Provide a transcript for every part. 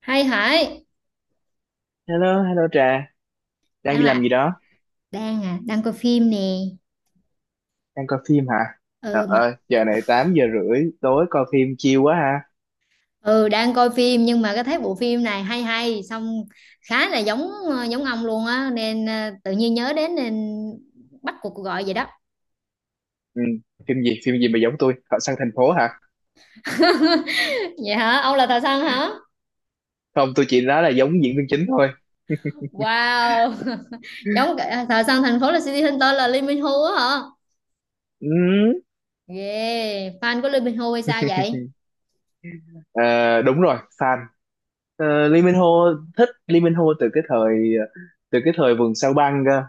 Hay hỏi. Hello, hello Trà, đang đi đang làm gì là đó? đang à đang coi phim nè. Đang coi phim hả? Trời Ừ mà. ơi, giờ này 8 giờ rưỡi tối coi phim chill quá ha. Ừ, đang coi phim, nhưng mà cái thấy bộ phim này hay hay, xong khá là giống, giống ông luôn á, nên tự nhiên nhớ đến, nên bắt cuộc gọi vậy đó. Ừ, phim gì mà giống tôi? Họ sang thành phố hả? Vậy hả, ông là thợ săn hả? Không, tôi chỉ nói là giống diễn viên chính thôi. Wow. Thợ săn thành phố là City Hunter, là Lee Min Ho, á hả? Ừ. Yeah, fan của Lee Min Ho hay sao vậy? ờ, đúng rồi, fan. Ờ, Lee Min Ho, thích Lee Min Ho từ cái thời từ cái thời vườn sao băng cơ.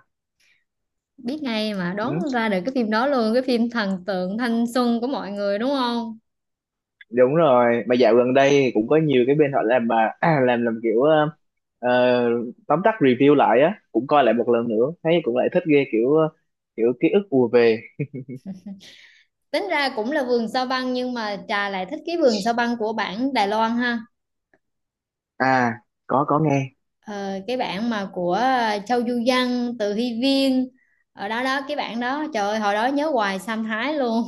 Biết ngay mà, Ừ. đoán ra được cái phim đó luôn, cái phim thần tượng thanh xuân của mọi người đúng không? Đúng rồi, mà dạo gần đây cũng có nhiều cái bên họ làm mà làm kiểu ờ, tóm tắt review lại á, cũng coi lại một lần nữa thấy cũng lại thích ghê, kiểu kiểu ký ức ùa về. Tính ra cũng là vườn sao băng, nhưng mà trà lại thích cái vườn sao băng của bản Đài Loan ha. À, có nghe. Ờ, cái bản mà của Châu Du Văn, Từ Hy Viên, ở đó đó, cái bản đó trời ơi, hồi đó nhớ hoài Sam Thái luôn.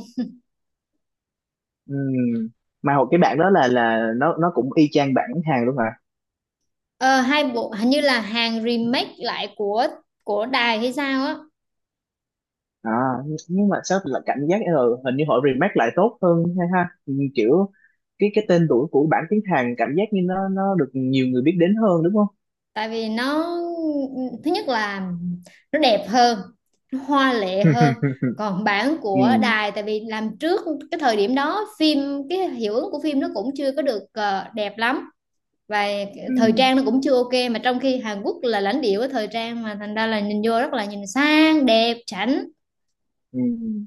Ừm, mà hồi cái bạn đó là nó cũng y chang bản hàng luôn hả? Ờ, Hai bộ hình như là hàng remake lại của đài hay sao á. À, nhưng mà sao là cảm giác hình như họ remake lại tốt hơn hay ha? Kiểu cái tên tuổi của bản tiếng Hàn cảm giác như nó được nhiều người biết đến hơn, đúng không? Tại vì nó, thứ nhất là nó đẹp hơn, nó hoa lệ hơn. Còn bản của Ừm, đài tại vì làm trước, cái thời điểm đó phim, cái hiệu ứng của phim nó cũng chưa có được đẹp lắm. Và thời ừm, trang nó cũng chưa ok, mà trong khi Hàn Quốc là lãnh địa của thời trang, mà thành ra là nhìn vô rất là nhìn sang, đẹp, chảnh. ừm.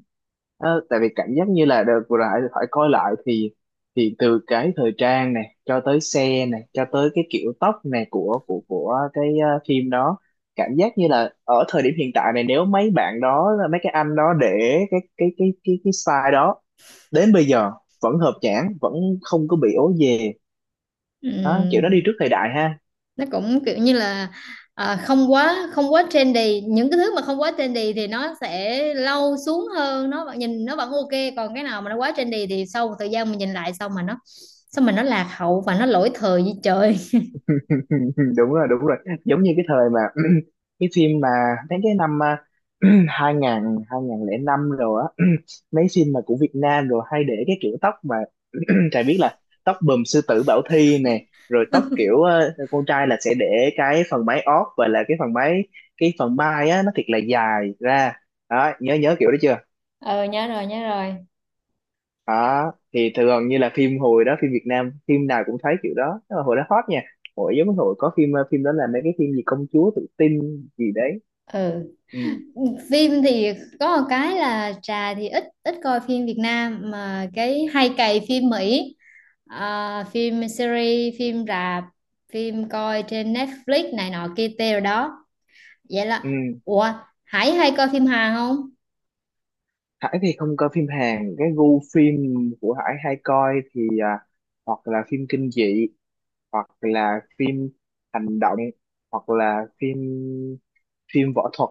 Ờ, tại vì cảm giác như là đợt vừa lại phải coi lại thì từ cái thời trang này, cho tới xe này, cho tới cái kiểu tóc này của cái phim đó, cảm giác như là ở thời điểm hiện tại này, nếu mấy bạn đó, mấy cái anh đó để cái style đó đến bây giờ vẫn hợp nhãn, vẫn không có bị ố về. Đó, kiểu nó đi Ừm, trước thời đại ha. nó cũng kiểu như là, không quá trendy. Những cái thứ mà không quá trendy thì nó sẽ lâu xuống hơn, nó vẫn nhìn, nó vẫn ok. Còn cái nào mà nó quá trendy thì sau một thời gian mình nhìn lại, xong mà nó lạc hậu và nó lỗi thời như trời. Đúng rồi, đúng rồi, giống như cái thời mà cái phim mà mấy cái năm 2005 rồi á, mấy phim mà của Việt Nam rồi hay để cái kiểu tóc mà Trà biết là tóc bùm sư tử Bảo Thy nè, rồi tóc kiểu con trai là sẽ để cái phần mái ót, và là cái phần mái, cái phần mai á, nó thiệt là dài ra. Đó, nhớ nhớ kiểu đó chưa? Ờ, nhớ rồi, nhớ rồi. Đó thì thường như là phim hồi đó, phim Việt Nam phim nào cũng thấy kiểu đó, nhưng mà hồi đó hot nha. Hồi giống như hồi có phim phim đó là mấy cái phim gì công chúa tự tin gì đấy. Ừ. Ừ. Phim thì có một cái là trà thì ít ít coi phim Việt Nam, mà cái hay cày phim Mỹ. Ờ, phim series, phim rạp, phim coi trên Netflix này nọ kia tê rồi đó. Vậy Ừ. là, ủa, Hải hay coi phim Hàn không? Hải thì không coi phim Hàn. Cái gu phim của Hải hay coi thì hoặc là phim kinh dị, hoặc là phim hành động, hoặc là phim phim võ thuật.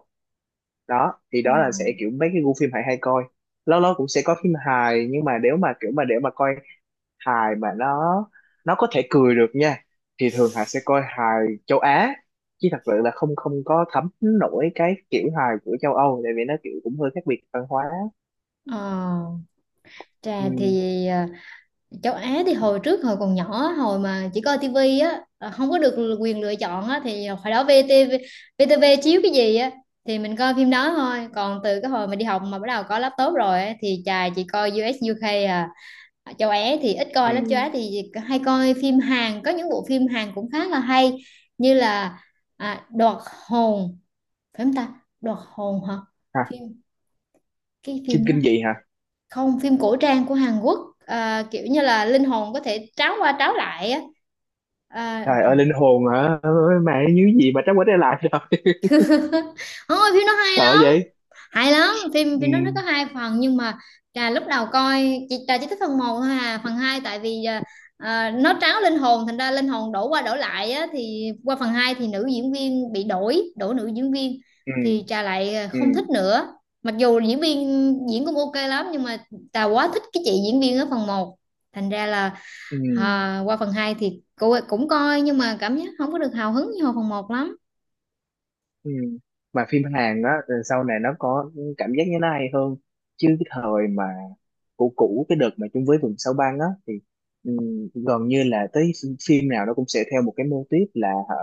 Đó thì Ồ. đó là sẽ kiểu mấy cái gu phim Hải hay coi. Lâu lâu cũng sẽ có phim hài, nhưng mà nếu mà kiểu mà để mà coi hài mà nó có thể cười được nha, thì thường Hà sẽ coi hài châu Á, chứ thật sự là không không có thấm nổi cái kiểu hài của châu Âu, tại vì nó kiểu cũng hơi khác biệt văn hóa. Ờ, Ừ, trà thì, châu Á thì hồi trước, hồi còn nhỏ, hồi mà chỉ coi tivi á, không có được quyền lựa chọn á, thì hồi đó VTV VTV chiếu cái gì á thì mình coi phim đó thôi. Còn từ cái hồi mà đi học mà bắt đầu có laptop rồi á, thì chà chỉ coi US UK à. Châu Á thì ít ừ. coi lắm, châu Á thì hay coi phim Hàn. Có những bộ phim Hàn cũng khá là hay, như là, Đoạt hồn, phải không ta? Đoạt hồn hả? Hả? Phim, cái Phim phim đó, kinh dị hả? không, phim cổ trang của Hàn Quốc, kiểu như là linh hồn có thể tráo qua tráo lại á. à, Trời ơi, linh hồn hả? Ôi, mẹ như gì mà trắng quá đây lại rồi. Ôi, phim nó hay Sợ lắm, vậy. hay lắm. phim Ừ, phim nó có hai phần, nhưng mà trà lúc đầu coi, chị trà chỉ thích phần một thôi, à phần hai tại vì, nó tráo linh hồn, thành ra linh hồn đổ qua đổ lại á, thì qua phần hai thì nữ diễn viên bị đổi đổi nữ diễn viên, ừ, thì trà lại ừ, không thích nữa. Mặc dù diễn viên diễn cũng ok lắm, nhưng mà trà quá thích cái chị diễn viên ở phần một, thành ra là, ừ, à, qua phần 2 thì cô cũng coi, nhưng mà cảm giác không có được hào hứng như hồi phần một lắm. ừ. Mà phim Hàn á, sau này nó có cảm giác như nó hay hơn, chứ cái thời mà cũ cũ, cái đợt mà chung với vườn sao băng á, thì gần như là tới phim nào nó cũng sẽ theo một cái mô típ là, hở,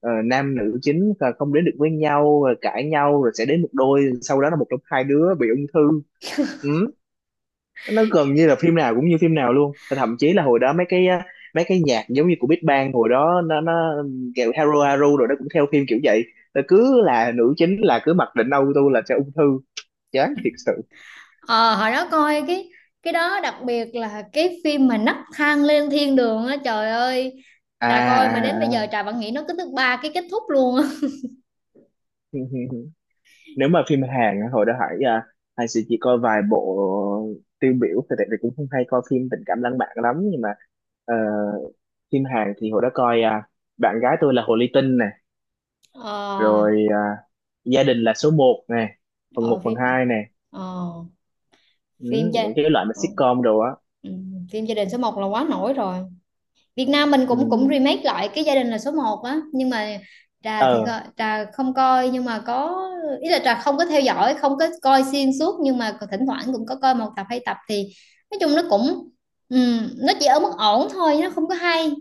nam nữ chính là không đến được với nhau, rồi cãi nhau, rồi sẽ đến một đôi, sau đó là một trong hai đứa bị ung thư. Ừ, nó gần như là phim nào cũng như phim nào luôn. Và thậm chí là hồi đó mấy cái mấy cái nhạc giống như của Big Bang hồi đó nó kiểu Haru Haru, rồi nó cũng theo phim kiểu vậy. Nó cứ là nữ chính là cứ mặc định auto là sẽ ung thư, chán thiệt sự. Ờ, hồi đó coi cái đó đặc biệt là cái phim mà nấc thang lên thiên đường á, trời ơi, À, trà coi mà đến bây giờ à, trà vẫn nghĩ nó, cứ thứ ba cái kết thúc luôn á. à. Nếu mà phim Hàn á, hồi đó Hải Hải sẽ chỉ coi vài bộ tiêu biểu thì, tại vì cũng không hay coi phim tình cảm lãng mạn lắm, nhưng mà ờ, phim Hàn thì hồi đó coi bạn gái tôi là Hồ Ly Tinh này, ờ rồi gia đình là số một này, phần ờ, một phần phim 2 này. ờ, Ừ, phim gia những cái loại mà ừ, sitcom đồ á. ừ, Phim gia đình số một là quá nổi rồi. Việt Nam mình cũng cũng Ừ. remake lại cái gia đình là số một á, nhưng mà Ờ. Trà không coi, nhưng mà có ý là trà không có theo dõi, không có coi xuyên suốt, nhưng mà thỉnh thoảng cũng có coi một tập hai tập thì nói chung nó chỉ ở mức ổn thôi, nó không có hay.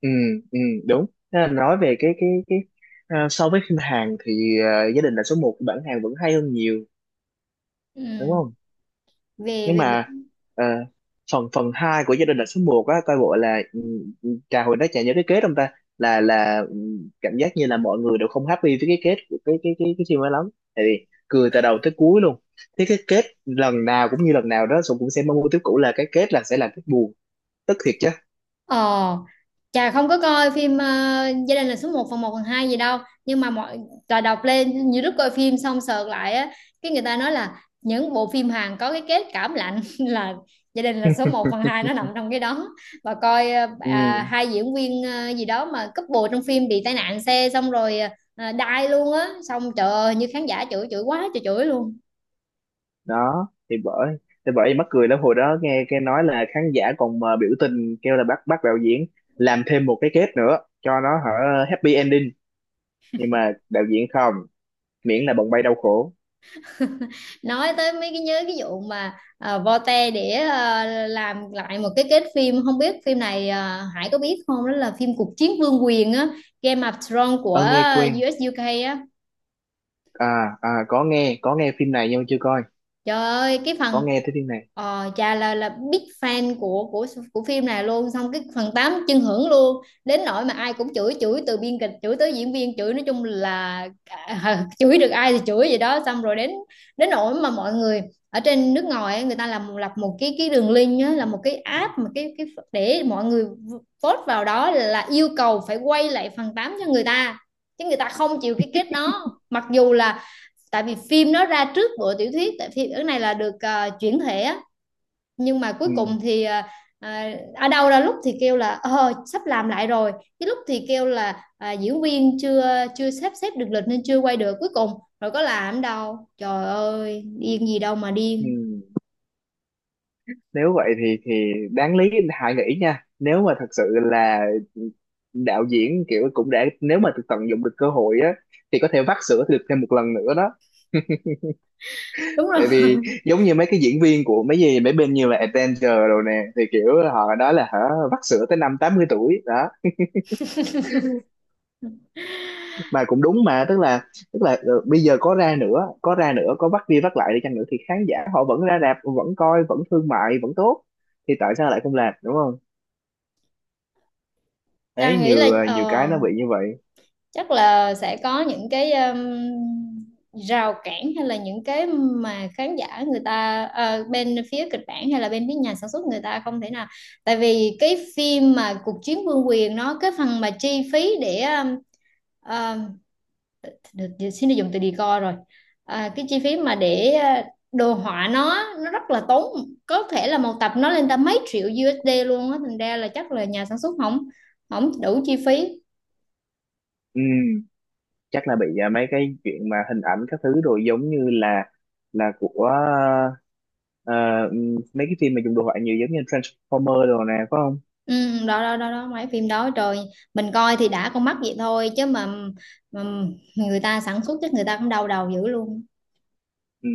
Ừ, ừ, đúng. Thế là nói về cái so với phim Hàn thì gia đình là số một bản Hàn vẫn hay hơn nhiều, đúng Ừm, không? về Nhưng về, về. mà ờ, phần phần hai của gia đình là số 1 á, coi bộ là ừ, ừ, trà hồi đó trà nhớ cái kết không ta? Là cảm giác như là mọi người đều không happy với cái kết của cái phim ấy lắm, tại vì cười từ đầu tới cuối luôn. Thế cái kết lần nào cũng như lần nào, đó Sùng cũng sẽ mong muốn tiếp, cũ là cái kết là sẽ là kết buồn, tức thiệt chứ. Ờ, Chà không có coi phim, gia đình là số một phần 2 gì đâu. Nhưng mà mọi, Trà đọc lên YouTube coi phim xong sợt lại á. Cái người ta nói là những bộ phim Hàn có cái kết cảm lạnh là gia đình là số một phần hai, nó nằm trong cái đó. Và coi, Ừ, hai diễn viên, gì đó mà couple trong phim bị tai nạn xe, xong rồi đai luôn á. Xong trời ơi như khán giả chửi, chửi quá trời, chửi luôn. đó thì bởi, mắc cười lắm, hồi đó nghe cái nói là khán giả còn mà biểu tình kêu là bắt bắt đạo diễn làm thêm một cái kết nữa cho nó, hả, happy ending, nhưng mà đạo diễn không, miễn là bồng bay đau khổ. Nói tới mấy cái nhớ cái vụ mà, vote để, làm lại một cái kết phim, không biết phim này, Hải có biết không? Đó là phim cuộc chiến vương quyền á, Game of Thrones của Ơ, nghe quen. US UK á. À, à, có nghe, phim này nhưng mà chưa coi, Trời ơi, cái có phần, nghe tới phim này. Trà là big fan của phim này luôn, xong cái phần 8 chân hưởng luôn, đến nỗi mà ai cũng chửi, chửi từ biên kịch, chửi tới diễn viên, chửi nói chung là, chửi được ai thì chửi vậy đó. Xong rồi đến đến nỗi mà mọi người ở trên nước ngoài ấy, người ta làm lập một cái đường link á, là một cái app mà cái để mọi người vote vào đó là yêu cầu phải quay lại phần 8 cho người ta, chứ người ta không chịu cái kết đó. Mặc dù là tại vì phim nó ra trước bộ tiểu thuyết, tại phim cái này là được chuyển thể á, nhưng mà cuối Ừ, cùng thì, ở đâu ra lúc thì kêu là sắp làm lại rồi, cái lúc thì kêu là, diễn viên chưa chưa sắp xếp được lịch nên chưa quay được, cuối cùng rồi có làm đâu, trời ơi điên gì đâu mà ừ. điên. Nếu vậy thì đáng lý hãy nghĩ nha, nếu mà thật sự là đạo diễn kiểu cũng đã, nếu mà tận dụng được cơ hội á, thì có thể vắt sữa được thêm một lần nữa đó. Đúng rồi. Tại vì giống như mấy cái diễn viên của mấy gì mấy bên như là Avenger rồi nè, thì kiểu họ nói là hả, vắt sữa tới năm 80 tuổi đó. Mà cũng đúng, mà tức là bây giờ có ra nữa, có bắt đi bắt lại đi chăng nữa thì khán giả họ vẫn ra rạp, vẫn coi, vẫn thương mại vẫn tốt, thì tại sao lại không làm, đúng không? Ta Đấy, nghĩ là, nhiều nhiều cái nó bị như vậy. chắc là sẽ có những cái, rào cản hay là những cái mà khán giả người ta, bên phía kịch bản hay là bên phía nhà sản xuất người ta không thể nào. Tại vì cái phim mà cuộc chiến vương quyền nó, cái phần mà chi phí để, um, được được- xin được dùng từ decor rồi. À, cái chi phí mà để đồ họa nó rất là tốn, có thể là một tập nó lên tới mấy triệu USD luôn á, thành ra là chắc là nhà sản xuất không, không đủ chi phí. Ừ, chắc là bị mấy cái chuyện mà hình ảnh các thứ rồi, giống như là của ờ, mấy cái phim mà dùng đồ họa nhiều, giống như Transformer đồ nè, phải không? Ừ, đó đó đó đó mấy phim đó trời, mình coi thì đã con mắt vậy thôi, chứ mà người ta sản xuất chắc người ta cũng đau đầu dữ luôn. Ừ,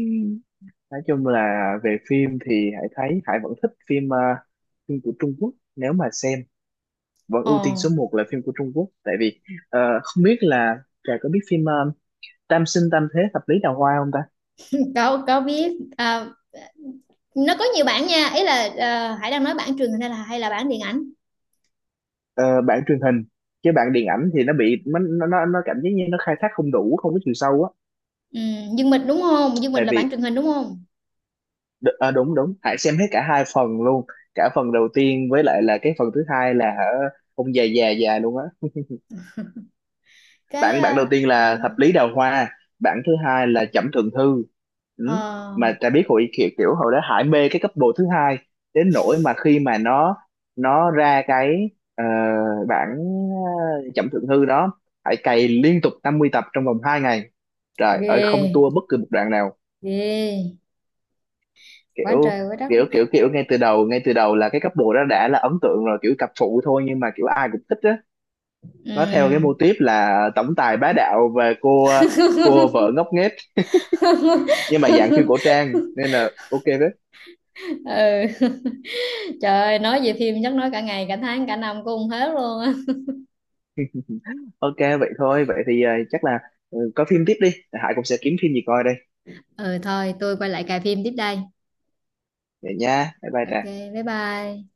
nói chung là về phim thì Hải thấy Hải vẫn thích phim phim của Trung Quốc, nếu mà xem vẫn ưu tiên ờ số một là phim của Trung Quốc. Tại vì không biết là Trà có biết phim Tam Sinh Tam Thế Thập Lý Đào Hoa không ta? có biết, nó có nhiều bản nha, ý là Hải đang nói bản truyền hình hay là bản điện ảnh. Ờ, bản truyền hình, chứ bản điện ảnh thì nó bị nó cảm giác như nó khai thác không đủ, không có chiều sâu á. Ừ, Dương Mịch đúng không? Dương Mịch Tại là bản vì truyền hình đúng không? Đúng, đúng, Hải xem hết cả hai phần luôn, cả phần đầu tiên với lại là cái phần thứ hai là, hả, ông già già già luôn á. Cái Bản bản đầu ờ, tiên là ờ, Thập Lý Đào Hoa, bản thứ hai là Trẩm Thượng Thư. Ừ. ờ, Mà ta biết hội kiểu, kiểu hồi đó Hải mê cái couple thứ hai, đến nỗi mà khi mà nó ra cái ờ, bản Trẩm Thượng Thư đó, Hải cày liên tục 50 tập trong vòng 2 ngày, trời ơi, không Ghê, tua bất cứ một đoạn nào. ghê quá Kiểu, trời quá đất. kiểu ngay từ đầu, là cái couple đó đã là ấn tượng rồi, kiểu cặp phụ thôi nhưng mà kiểu ai cũng thích á. Nó theo cái Ừ. mô típ là tổng tài bá đạo và cô vợ ngốc nghếch. Nhưng mà dạng phim cổ trang nên là ok đấy. Ừ. Trời ơi, nói về phim chắc nói cả ngày, cả tháng, cả năm cũng không hết luôn á. Ok, vậy thôi, vậy thì chắc là ừ, coi phim tiếp đi, Hải cũng sẽ kiếm phim gì coi đây. Ừ thôi, tôi quay lại cài phim tiếp đây. Vậy nha, bye bye Ok, Trang. bye bye.